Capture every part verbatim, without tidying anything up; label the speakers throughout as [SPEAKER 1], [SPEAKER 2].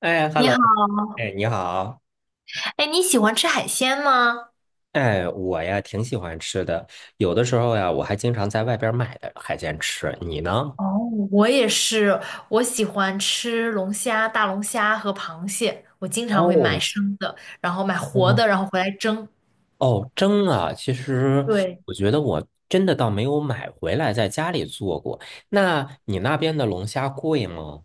[SPEAKER 1] 哎
[SPEAKER 2] 你
[SPEAKER 1] ，hello。
[SPEAKER 2] 好。
[SPEAKER 1] 哎，你好。
[SPEAKER 2] 哎，你喜欢吃海鲜吗？
[SPEAKER 1] 哎，我呀挺喜欢吃的。有的时候呀，我还经常在外边买的海鲜吃。你呢？
[SPEAKER 2] 哦，我也是，我喜欢吃龙虾、大龙虾和螃蟹，我经常会买
[SPEAKER 1] 哦，
[SPEAKER 2] 生的，然后买
[SPEAKER 1] 真的
[SPEAKER 2] 活
[SPEAKER 1] 吗？
[SPEAKER 2] 的，然后回来蒸。
[SPEAKER 1] 哦，蒸啊，其实
[SPEAKER 2] 对。
[SPEAKER 1] 我觉得我真的倒没有买回来在家里做过。那你那边的龙虾贵吗？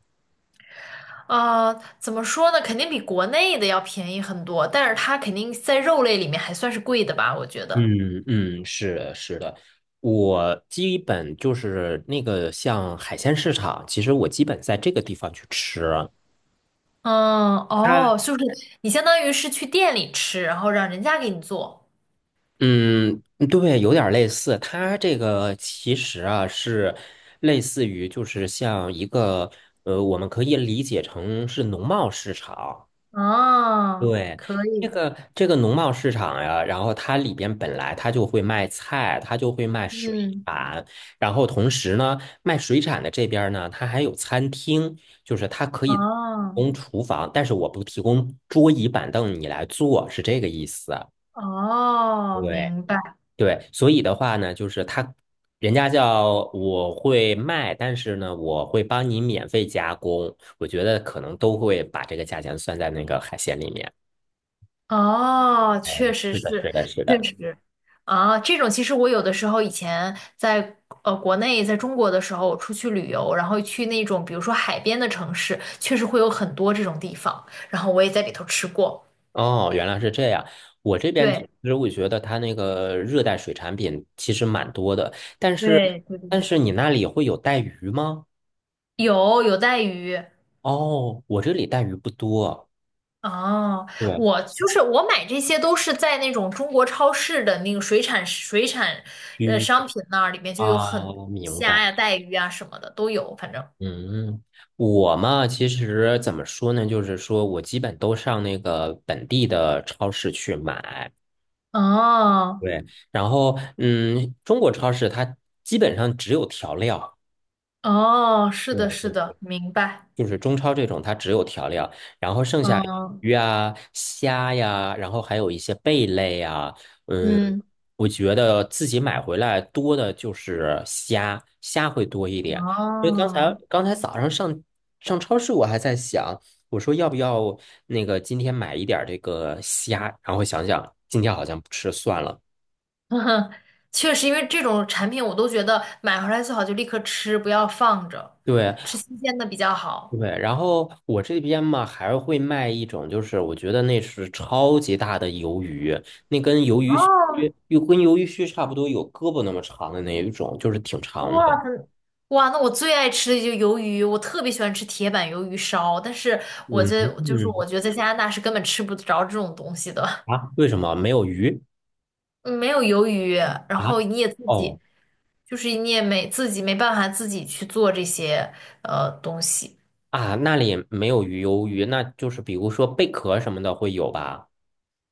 [SPEAKER 2] 啊，怎么说呢？肯定比国内的要便宜很多，但是它肯定在肉类里面还算是贵的吧，我觉得。
[SPEAKER 1] 嗯嗯，是的，是的。我基本就是那个像海鲜市场，其实我基本在这个地方去吃。啊。
[SPEAKER 2] 嗯，哦，就是 你相当于是去店里吃，然后让人家给你做。
[SPEAKER 1] 嗯，对，有点儿类似。它这个其实啊是类似于，就是像一个呃，我们可以理解成是农贸市场。
[SPEAKER 2] 啊，
[SPEAKER 1] 对，
[SPEAKER 2] 可
[SPEAKER 1] 这
[SPEAKER 2] 以。
[SPEAKER 1] 个这个农贸市场呀，然后它里边本来它就会卖菜，它就会卖水
[SPEAKER 2] 嗯，
[SPEAKER 1] 产。然后同时呢，卖水产的这边儿呢，它还有餐厅，就是它可以提
[SPEAKER 2] 哦，
[SPEAKER 1] 供厨房，但是我不提供桌椅板凳，你来坐，是这个意思。
[SPEAKER 2] 哦，
[SPEAKER 1] 对。
[SPEAKER 2] 明白。
[SPEAKER 1] 对，所以的话呢，就是他，人家叫我会卖，但是呢，我会帮你免费加工。我觉得可能都会把这个价钱算在那个海鲜里面。
[SPEAKER 2] 哦，
[SPEAKER 1] 哎，
[SPEAKER 2] 确实
[SPEAKER 1] 是的，
[SPEAKER 2] 是。
[SPEAKER 1] 是的，是
[SPEAKER 2] 确
[SPEAKER 1] 的。
[SPEAKER 2] 实，啊，这种其实我有的时候以前在呃国内，在中国的时候，我出去旅游，然后去那种比如说海边的城市，确实会有很多这种地方，然后我也在里头吃过。
[SPEAKER 1] 哦，原来是这样。我这边其
[SPEAKER 2] 对
[SPEAKER 1] 实我觉得它那个热带水产品其实蛮多的，但是
[SPEAKER 2] 对对
[SPEAKER 1] 但
[SPEAKER 2] 对，
[SPEAKER 1] 是你那里会有带鱼吗？
[SPEAKER 2] 有有带鱼。
[SPEAKER 1] 哦，我这里带鱼不多。
[SPEAKER 2] 哦，
[SPEAKER 1] 对，
[SPEAKER 2] 我就是我买这些都是在那种中国超市的那个水产水产呃
[SPEAKER 1] 鱼
[SPEAKER 2] 商品那儿，里面就有很多
[SPEAKER 1] 啊，明
[SPEAKER 2] 虾
[SPEAKER 1] 白。
[SPEAKER 2] 呀、带鱼啊什么的都有，反正。
[SPEAKER 1] 嗯，我嘛，其实怎么说呢，就是说我基本都上那个本地的超市去买。
[SPEAKER 2] 哦。
[SPEAKER 1] 对，然后嗯，中国超市它基本上只有调料。
[SPEAKER 2] 哦，是的，
[SPEAKER 1] 对
[SPEAKER 2] 是的，
[SPEAKER 1] 对。
[SPEAKER 2] 明白。
[SPEAKER 1] 就是中超这种，它只有调料，然后剩下
[SPEAKER 2] 嗯
[SPEAKER 1] 鱼啊、虾呀，然后还有一些贝类啊。嗯，
[SPEAKER 2] 嗯，
[SPEAKER 1] 我觉得自己买回来多的就是虾，虾会多一点。因为刚才
[SPEAKER 2] 哦，
[SPEAKER 1] 刚才早上上上超市，我还在想，我说要不要那个今天买一点儿这个虾，然后想想今天好像不吃算了。
[SPEAKER 2] 确实，因为这种产品我都觉得买回来最好就立刻吃，不要放着，
[SPEAKER 1] 对。
[SPEAKER 2] 吃新鲜的比较好。
[SPEAKER 1] 对，然后我这边嘛还会卖一种，就是我觉得那是超级大的鱿鱼，那跟鱿鱼须
[SPEAKER 2] 哦，
[SPEAKER 1] 又跟鱿鱼须差不多，有胳膊那么长的那一种，就是挺长
[SPEAKER 2] 哇，
[SPEAKER 1] 的。
[SPEAKER 2] 很哇，那我最爱吃的就是鱿鱼，我特别喜欢吃铁板鱿鱼烧，但是我
[SPEAKER 1] 嗯
[SPEAKER 2] 这就是
[SPEAKER 1] 嗯
[SPEAKER 2] 我觉得在加拿大是根本吃不着这种东西的。
[SPEAKER 1] 啊，为什么没有鱼
[SPEAKER 2] 嗯，没有鱿鱼，然后
[SPEAKER 1] 啊？
[SPEAKER 2] 你也自己
[SPEAKER 1] 哦
[SPEAKER 2] 就是你也没自己没办法自己去做这些呃东西。
[SPEAKER 1] 啊，那里没有鱼鱿鱼，那就是比如说贝壳什么的会有吧？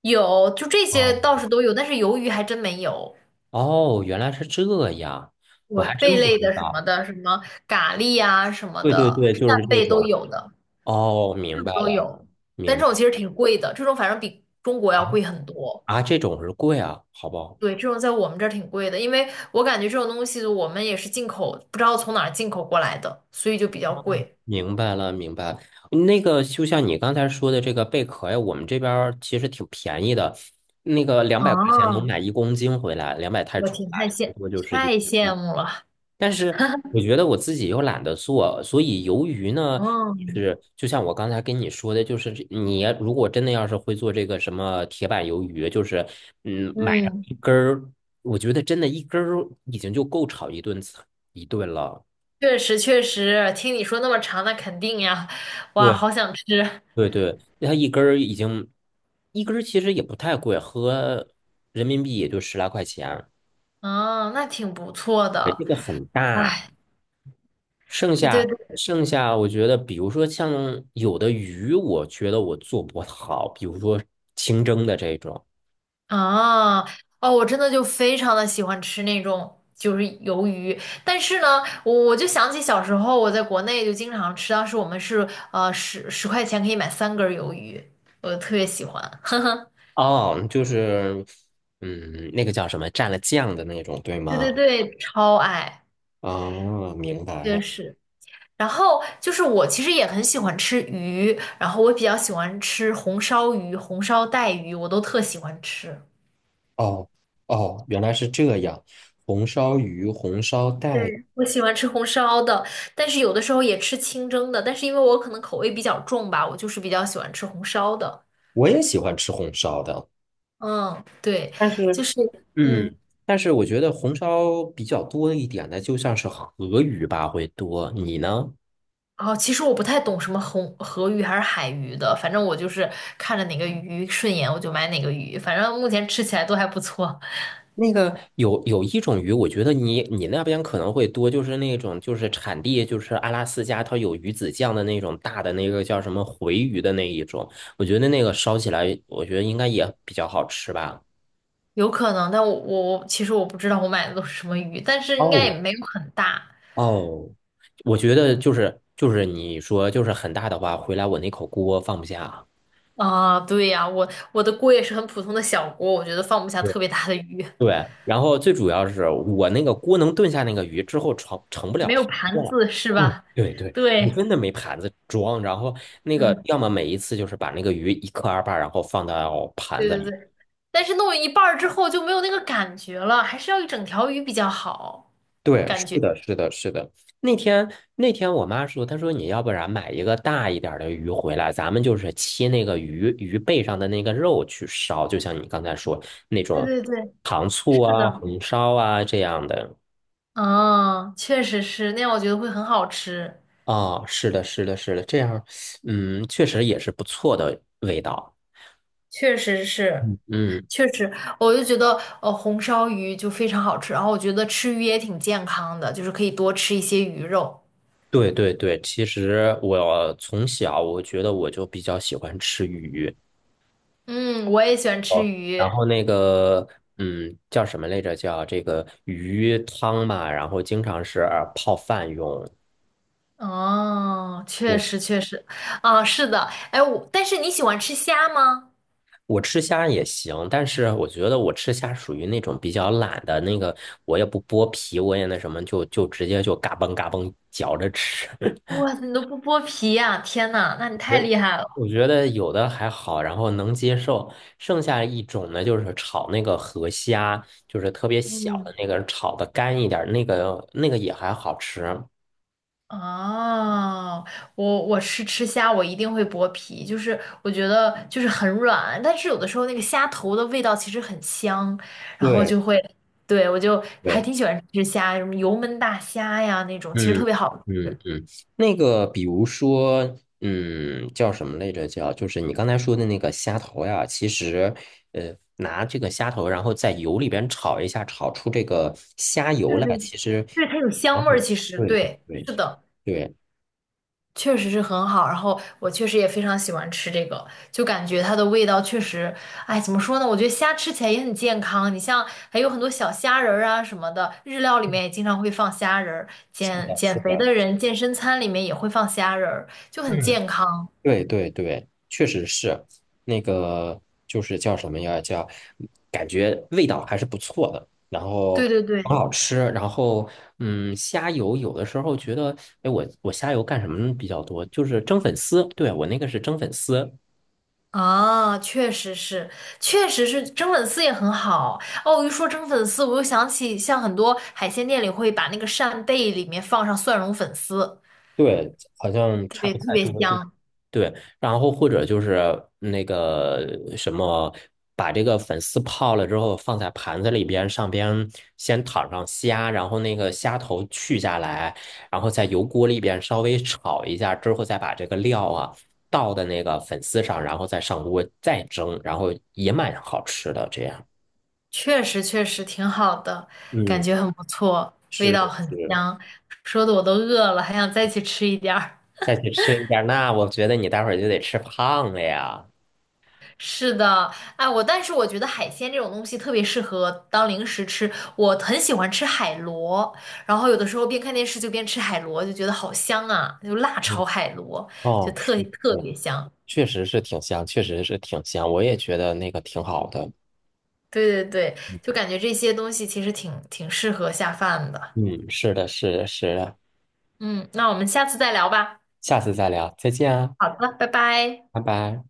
[SPEAKER 2] 有，就这些倒
[SPEAKER 1] 哦，
[SPEAKER 2] 是都有，但是鱿鱼还真没有。
[SPEAKER 1] 哦，原来是这样，我
[SPEAKER 2] 对，
[SPEAKER 1] 还真
[SPEAKER 2] 贝
[SPEAKER 1] 不
[SPEAKER 2] 类
[SPEAKER 1] 知
[SPEAKER 2] 的什么
[SPEAKER 1] 道。
[SPEAKER 2] 的，什么蛤蜊啊什么
[SPEAKER 1] 对对
[SPEAKER 2] 的，
[SPEAKER 1] 对，就是
[SPEAKER 2] 扇
[SPEAKER 1] 这
[SPEAKER 2] 贝都
[SPEAKER 1] 种。
[SPEAKER 2] 有的，
[SPEAKER 1] 哦，
[SPEAKER 2] 这
[SPEAKER 1] 明白
[SPEAKER 2] 种都
[SPEAKER 1] 了，
[SPEAKER 2] 有。但
[SPEAKER 1] 明
[SPEAKER 2] 这种
[SPEAKER 1] 白。
[SPEAKER 2] 其实挺贵的，这种反正比中国
[SPEAKER 1] 啊。
[SPEAKER 2] 要贵很多。
[SPEAKER 1] 啊，这种是贵啊，好不好？
[SPEAKER 2] 对，这种在我们这儿挺贵的，因为我感觉这种东西我们也是进口，不知道从哪儿进口过来的，所以就比较贵。
[SPEAKER 1] 明白了，明白了。那个就像你刚才说的这个贝壳呀，我们这边儿其实挺便宜的，那个两百块钱能
[SPEAKER 2] 啊，
[SPEAKER 1] 买一公斤回来，两百泰
[SPEAKER 2] 我
[SPEAKER 1] 铢
[SPEAKER 2] 挺
[SPEAKER 1] 吧，
[SPEAKER 2] 太
[SPEAKER 1] 差不
[SPEAKER 2] 羡
[SPEAKER 1] 多就是一
[SPEAKER 2] 太
[SPEAKER 1] 公。
[SPEAKER 2] 羡慕了。
[SPEAKER 1] 但是 我觉得我自己又懒得做，所以鱿鱼呢，
[SPEAKER 2] 嗯
[SPEAKER 1] 是就像我刚才跟你说的，就是这你如果真的要是会做这个什么铁板鱿鱼，就是嗯，买上
[SPEAKER 2] 嗯，
[SPEAKER 1] 一根儿，我觉得真的一根儿已经就够炒一顿菜一顿了。
[SPEAKER 2] 确实确实，听你说那么长，那肯定呀，哇，
[SPEAKER 1] 对。
[SPEAKER 2] 好想吃。
[SPEAKER 1] 对对，它一根儿已经一根儿其实也不太贵，合人民币也就十来块钱。
[SPEAKER 2] 哦，那挺不错
[SPEAKER 1] 对
[SPEAKER 2] 的。
[SPEAKER 1] 这个很大。
[SPEAKER 2] 哎，
[SPEAKER 1] 剩
[SPEAKER 2] 对对
[SPEAKER 1] 下
[SPEAKER 2] 对，
[SPEAKER 1] 剩下，我觉得比如说像有的鱼，我觉得我做不好，比如说清蒸的这种。
[SPEAKER 2] 啊，哦，我真的就非常的喜欢吃那种就是鱿鱼，但是呢，我我就想起小时候我在国内就经常吃，当时我们是呃十十块钱可以买三根儿鱿鱼，我特别喜欢。
[SPEAKER 1] 哦，就是嗯，那个叫什么蘸了酱的那种，对
[SPEAKER 2] 对对
[SPEAKER 1] 吗？
[SPEAKER 2] 对，超爱，
[SPEAKER 1] 哦，明白
[SPEAKER 2] 确
[SPEAKER 1] 了。
[SPEAKER 2] 实。然后就是我其实也很喜欢吃鱼，然后我比较喜欢吃红烧鱼、红烧带鱼，我都特喜欢吃。
[SPEAKER 1] 哦哦，原来是这样。红烧鱼、红烧
[SPEAKER 2] 对，
[SPEAKER 1] 带，
[SPEAKER 2] 我喜欢吃红烧的，但是有的时候也吃清蒸的，但是因为我可能口味比较重吧，我就是比较喜欢吃红烧的。
[SPEAKER 1] 我也喜欢吃红烧的。
[SPEAKER 2] 嗯，对，
[SPEAKER 1] 但是
[SPEAKER 2] 就是嗯，
[SPEAKER 1] 嗯，但是我觉得红烧比较多一点的，就像是河鱼吧，会多。你呢？
[SPEAKER 2] 哦，其实我不太懂什么红河鱼还是海鱼的，反正我就是看着哪个鱼顺眼我就买哪个鱼，反正目前吃起来都还不错。
[SPEAKER 1] 那个有有一种鱼，我觉得你你那边可能会多，就是那种就是产地就是阿拉斯加，它有鱼子酱的那种大的那个叫什么回鱼的那一种，我觉得那个烧起来，我觉得应该也比较好吃吧。
[SPEAKER 2] 有可能，但我我其实我不知道我买的都是什么鱼，但是应该
[SPEAKER 1] 哦，
[SPEAKER 2] 也没有很大
[SPEAKER 1] 哦，我觉得就是就是你说就是很大的话，回来我那口锅放不下。
[SPEAKER 2] 啊。对呀，我我的锅也是很普通的小锅，我觉得放不下特别大的鱼。
[SPEAKER 1] 对，然后最主要是我那个锅能炖下那个鱼之后盛盛不了
[SPEAKER 2] 没
[SPEAKER 1] 盘
[SPEAKER 2] 有
[SPEAKER 1] 子
[SPEAKER 2] 盘
[SPEAKER 1] 了。
[SPEAKER 2] 子是吧？
[SPEAKER 1] 对对对，我
[SPEAKER 2] 对，
[SPEAKER 1] 真的没盘子装。然后那个要么每一次就是把那个鱼一克二半，然后放到盘
[SPEAKER 2] 对
[SPEAKER 1] 子
[SPEAKER 2] 对
[SPEAKER 1] 里。
[SPEAKER 2] 对，但是弄一半儿之后就没有那个感觉了，还是要一整条鱼比较好，
[SPEAKER 1] 对，
[SPEAKER 2] 感
[SPEAKER 1] 是
[SPEAKER 2] 觉。
[SPEAKER 1] 的，是的，是的。那天那天我妈说，她说你要不然买一个大一点儿的鱼回来，咱们就是切那个鱼鱼背上的那个肉去烧，就像你刚才说那
[SPEAKER 2] 对
[SPEAKER 1] 种
[SPEAKER 2] 对对，
[SPEAKER 1] 糖醋
[SPEAKER 2] 是
[SPEAKER 1] 啊、
[SPEAKER 2] 的。
[SPEAKER 1] 红烧啊这样的。
[SPEAKER 2] 嗯，确实是，那样我觉得会很好吃，
[SPEAKER 1] 啊，是的，是的，是的，这样，嗯，确实也是不错的味道。
[SPEAKER 2] 确实是，
[SPEAKER 1] 嗯嗯，
[SPEAKER 2] 确实，我就觉得呃红烧鱼就非常好吃，然后我觉得吃鱼也挺健康的，就是可以多吃一些鱼肉。
[SPEAKER 1] 对对对，其实我从小我觉得我就比较喜欢吃鱼。
[SPEAKER 2] 嗯，我也喜欢吃鱼。
[SPEAKER 1] 然后那个，嗯，叫什么来着？叫这个鱼汤嘛，然后经常是泡饭用。
[SPEAKER 2] 哦，确实
[SPEAKER 1] 我
[SPEAKER 2] 确实，啊，是的，哎，我，但是你喜欢吃虾吗？
[SPEAKER 1] 我吃虾也行，但是我觉得我吃虾属于那种比较懒的那个，我也不剥皮，我也那什么，就就直接就嘎嘣嘎嘣嚼着吃。
[SPEAKER 2] 哇，你都不剥皮呀、天呐，那你
[SPEAKER 1] 觉
[SPEAKER 2] 太
[SPEAKER 1] 得
[SPEAKER 2] 厉害了。
[SPEAKER 1] 我觉得有的还好，然后能接受。剩下一种呢，就是炒那个河虾，就是特别小的
[SPEAKER 2] 嗯，
[SPEAKER 1] 那个，炒的干一点儿，那个那个也还好吃。
[SPEAKER 2] 哦，我我是吃虾，我一定会剥皮，就是我觉得就是很软，但是有的时候那个虾头的味道其实很香，然后
[SPEAKER 1] 对
[SPEAKER 2] 就会，对，我就还
[SPEAKER 1] 对，
[SPEAKER 2] 挺喜欢吃虾，什么油焖大虾呀那种，其实
[SPEAKER 1] 嗯
[SPEAKER 2] 特别好
[SPEAKER 1] 嗯
[SPEAKER 2] 吃，
[SPEAKER 1] 嗯，那个比如说，嗯，叫什么来着？叫就是你刚才说的那个虾头呀，其实，呃，拿这个虾头，然后在油里边炒一下，炒出这个虾油
[SPEAKER 2] 对对
[SPEAKER 1] 来，其实
[SPEAKER 2] 对，它有香
[SPEAKER 1] 蛮
[SPEAKER 2] 味
[SPEAKER 1] 好
[SPEAKER 2] 儿，
[SPEAKER 1] 的。
[SPEAKER 2] 其实
[SPEAKER 1] 对对
[SPEAKER 2] 对，
[SPEAKER 1] 对
[SPEAKER 2] 是的。
[SPEAKER 1] 对，
[SPEAKER 2] 确实是很好，然后我确实也非常喜欢吃这个，就感觉它的味道确实，哎，怎么说呢？我觉得虾吃起来也很健康，你像还有很多小虾仁儿啊什么的，日料里面也经常会放虾仁儿，
[SPEAKER 1] 是
[SPEAKER 2] 减
[SPEAKER 1] 的，是
[SPEAKER 2] 减肥
[SPEAKER 1] 的。
[SPEAKER 2] 的人健身餐里面也会放虾仁儿，就很
[SPEAKER 1] 嗯，
[SPEAKER 2] 健康。
[SPEAKER 1] 对对对，确实是那个，就是叫什么呀？叫感觉味道还是不错的，然后
[SPEAKER 2] 对对
[SPEAKER 1] 很
[SPEAKER 2] 对，
[SPEAKER 1] 好吃。然后，嗯，虾油有的时候觉得，哎，我我虾油干什么比较多？就是蒸粉丝。对，我那个是蒸粉丝。
[SPEAKER 2] 啊，确实是，确实是蒸粉丝也很好。哦，一说蒸粉丝，我又想起像很多海鲜店里会把那个扇贝里面放上蒜蓉粉丝，
[SPEAKER 1] 对，好像
[SPEAKER 2] 特
[SPEAKER 1] 差
[SPEAKER 2] 别
[SPEAKER 1] 不
[SPEAKER 2] 特
[SPEAKER 1] 太
[SPEAKER 2] 别
[SPEAKER 1] 多。
[SPEAKER 2] 香。
[SPEAKER 1] 对，然后或者就是那个什么，把这个粉丝泡了之后放在盘子里边，上边先躺上虾，然后那个虾头去下来，然后在油锅里边稍微炒一下之后，再把这个料啊倒的那个粉丝上，然后再上锅再蒸，然后也蛮好吃的。这样，
[SPEAKER 2] 确实确实挺好的，感
[SPEAKER 1] 嗯，
[SPEAKER 2] 觉很不错，味
[SPEAKER 1] 是
[SPEAKER 2] 道很
[SPEAKER 1] 是。
[SPEAKER 2] 香，说的我都饿了，还想再去吃一点儿。
[SPEAKER 1] 再去吃一点那我觉得你待会儿就得吃胖了呀。
[SPEAKER 2] 是的，哎，我但是我觉得海鲜这种东西特别适合当零食吃，我很喜欢吃海螺，然后有的时候边看电视就边吃海螺，就觉得好香啊，就辣
[SPEAKER 1] 嗯，
[SPEAKER 2] 炒海螺，就
[SPEAKER 1] 哦，
[SPEAKER 2] 特
[SPEAKER 1] 是。的。
[SPEAKER 2] 特别香。
[SPEAKER 1] 确实是挺香，确实是挺香，我也觉得那个挺好的。
[SPEAKER 2] 对对对，就感觉这些东西其实挺挺适合下饭的。
[SPEAKER 1] 嗯，是的，是的，是的。
[SPEAKER 2] 嗯，那我们下次再聊吧。
[SPEAKER 1] 下次再聊，再见啊，
[SPEAKER 2] 好的，拜拜。
[SPEAKER 1] 拜拜。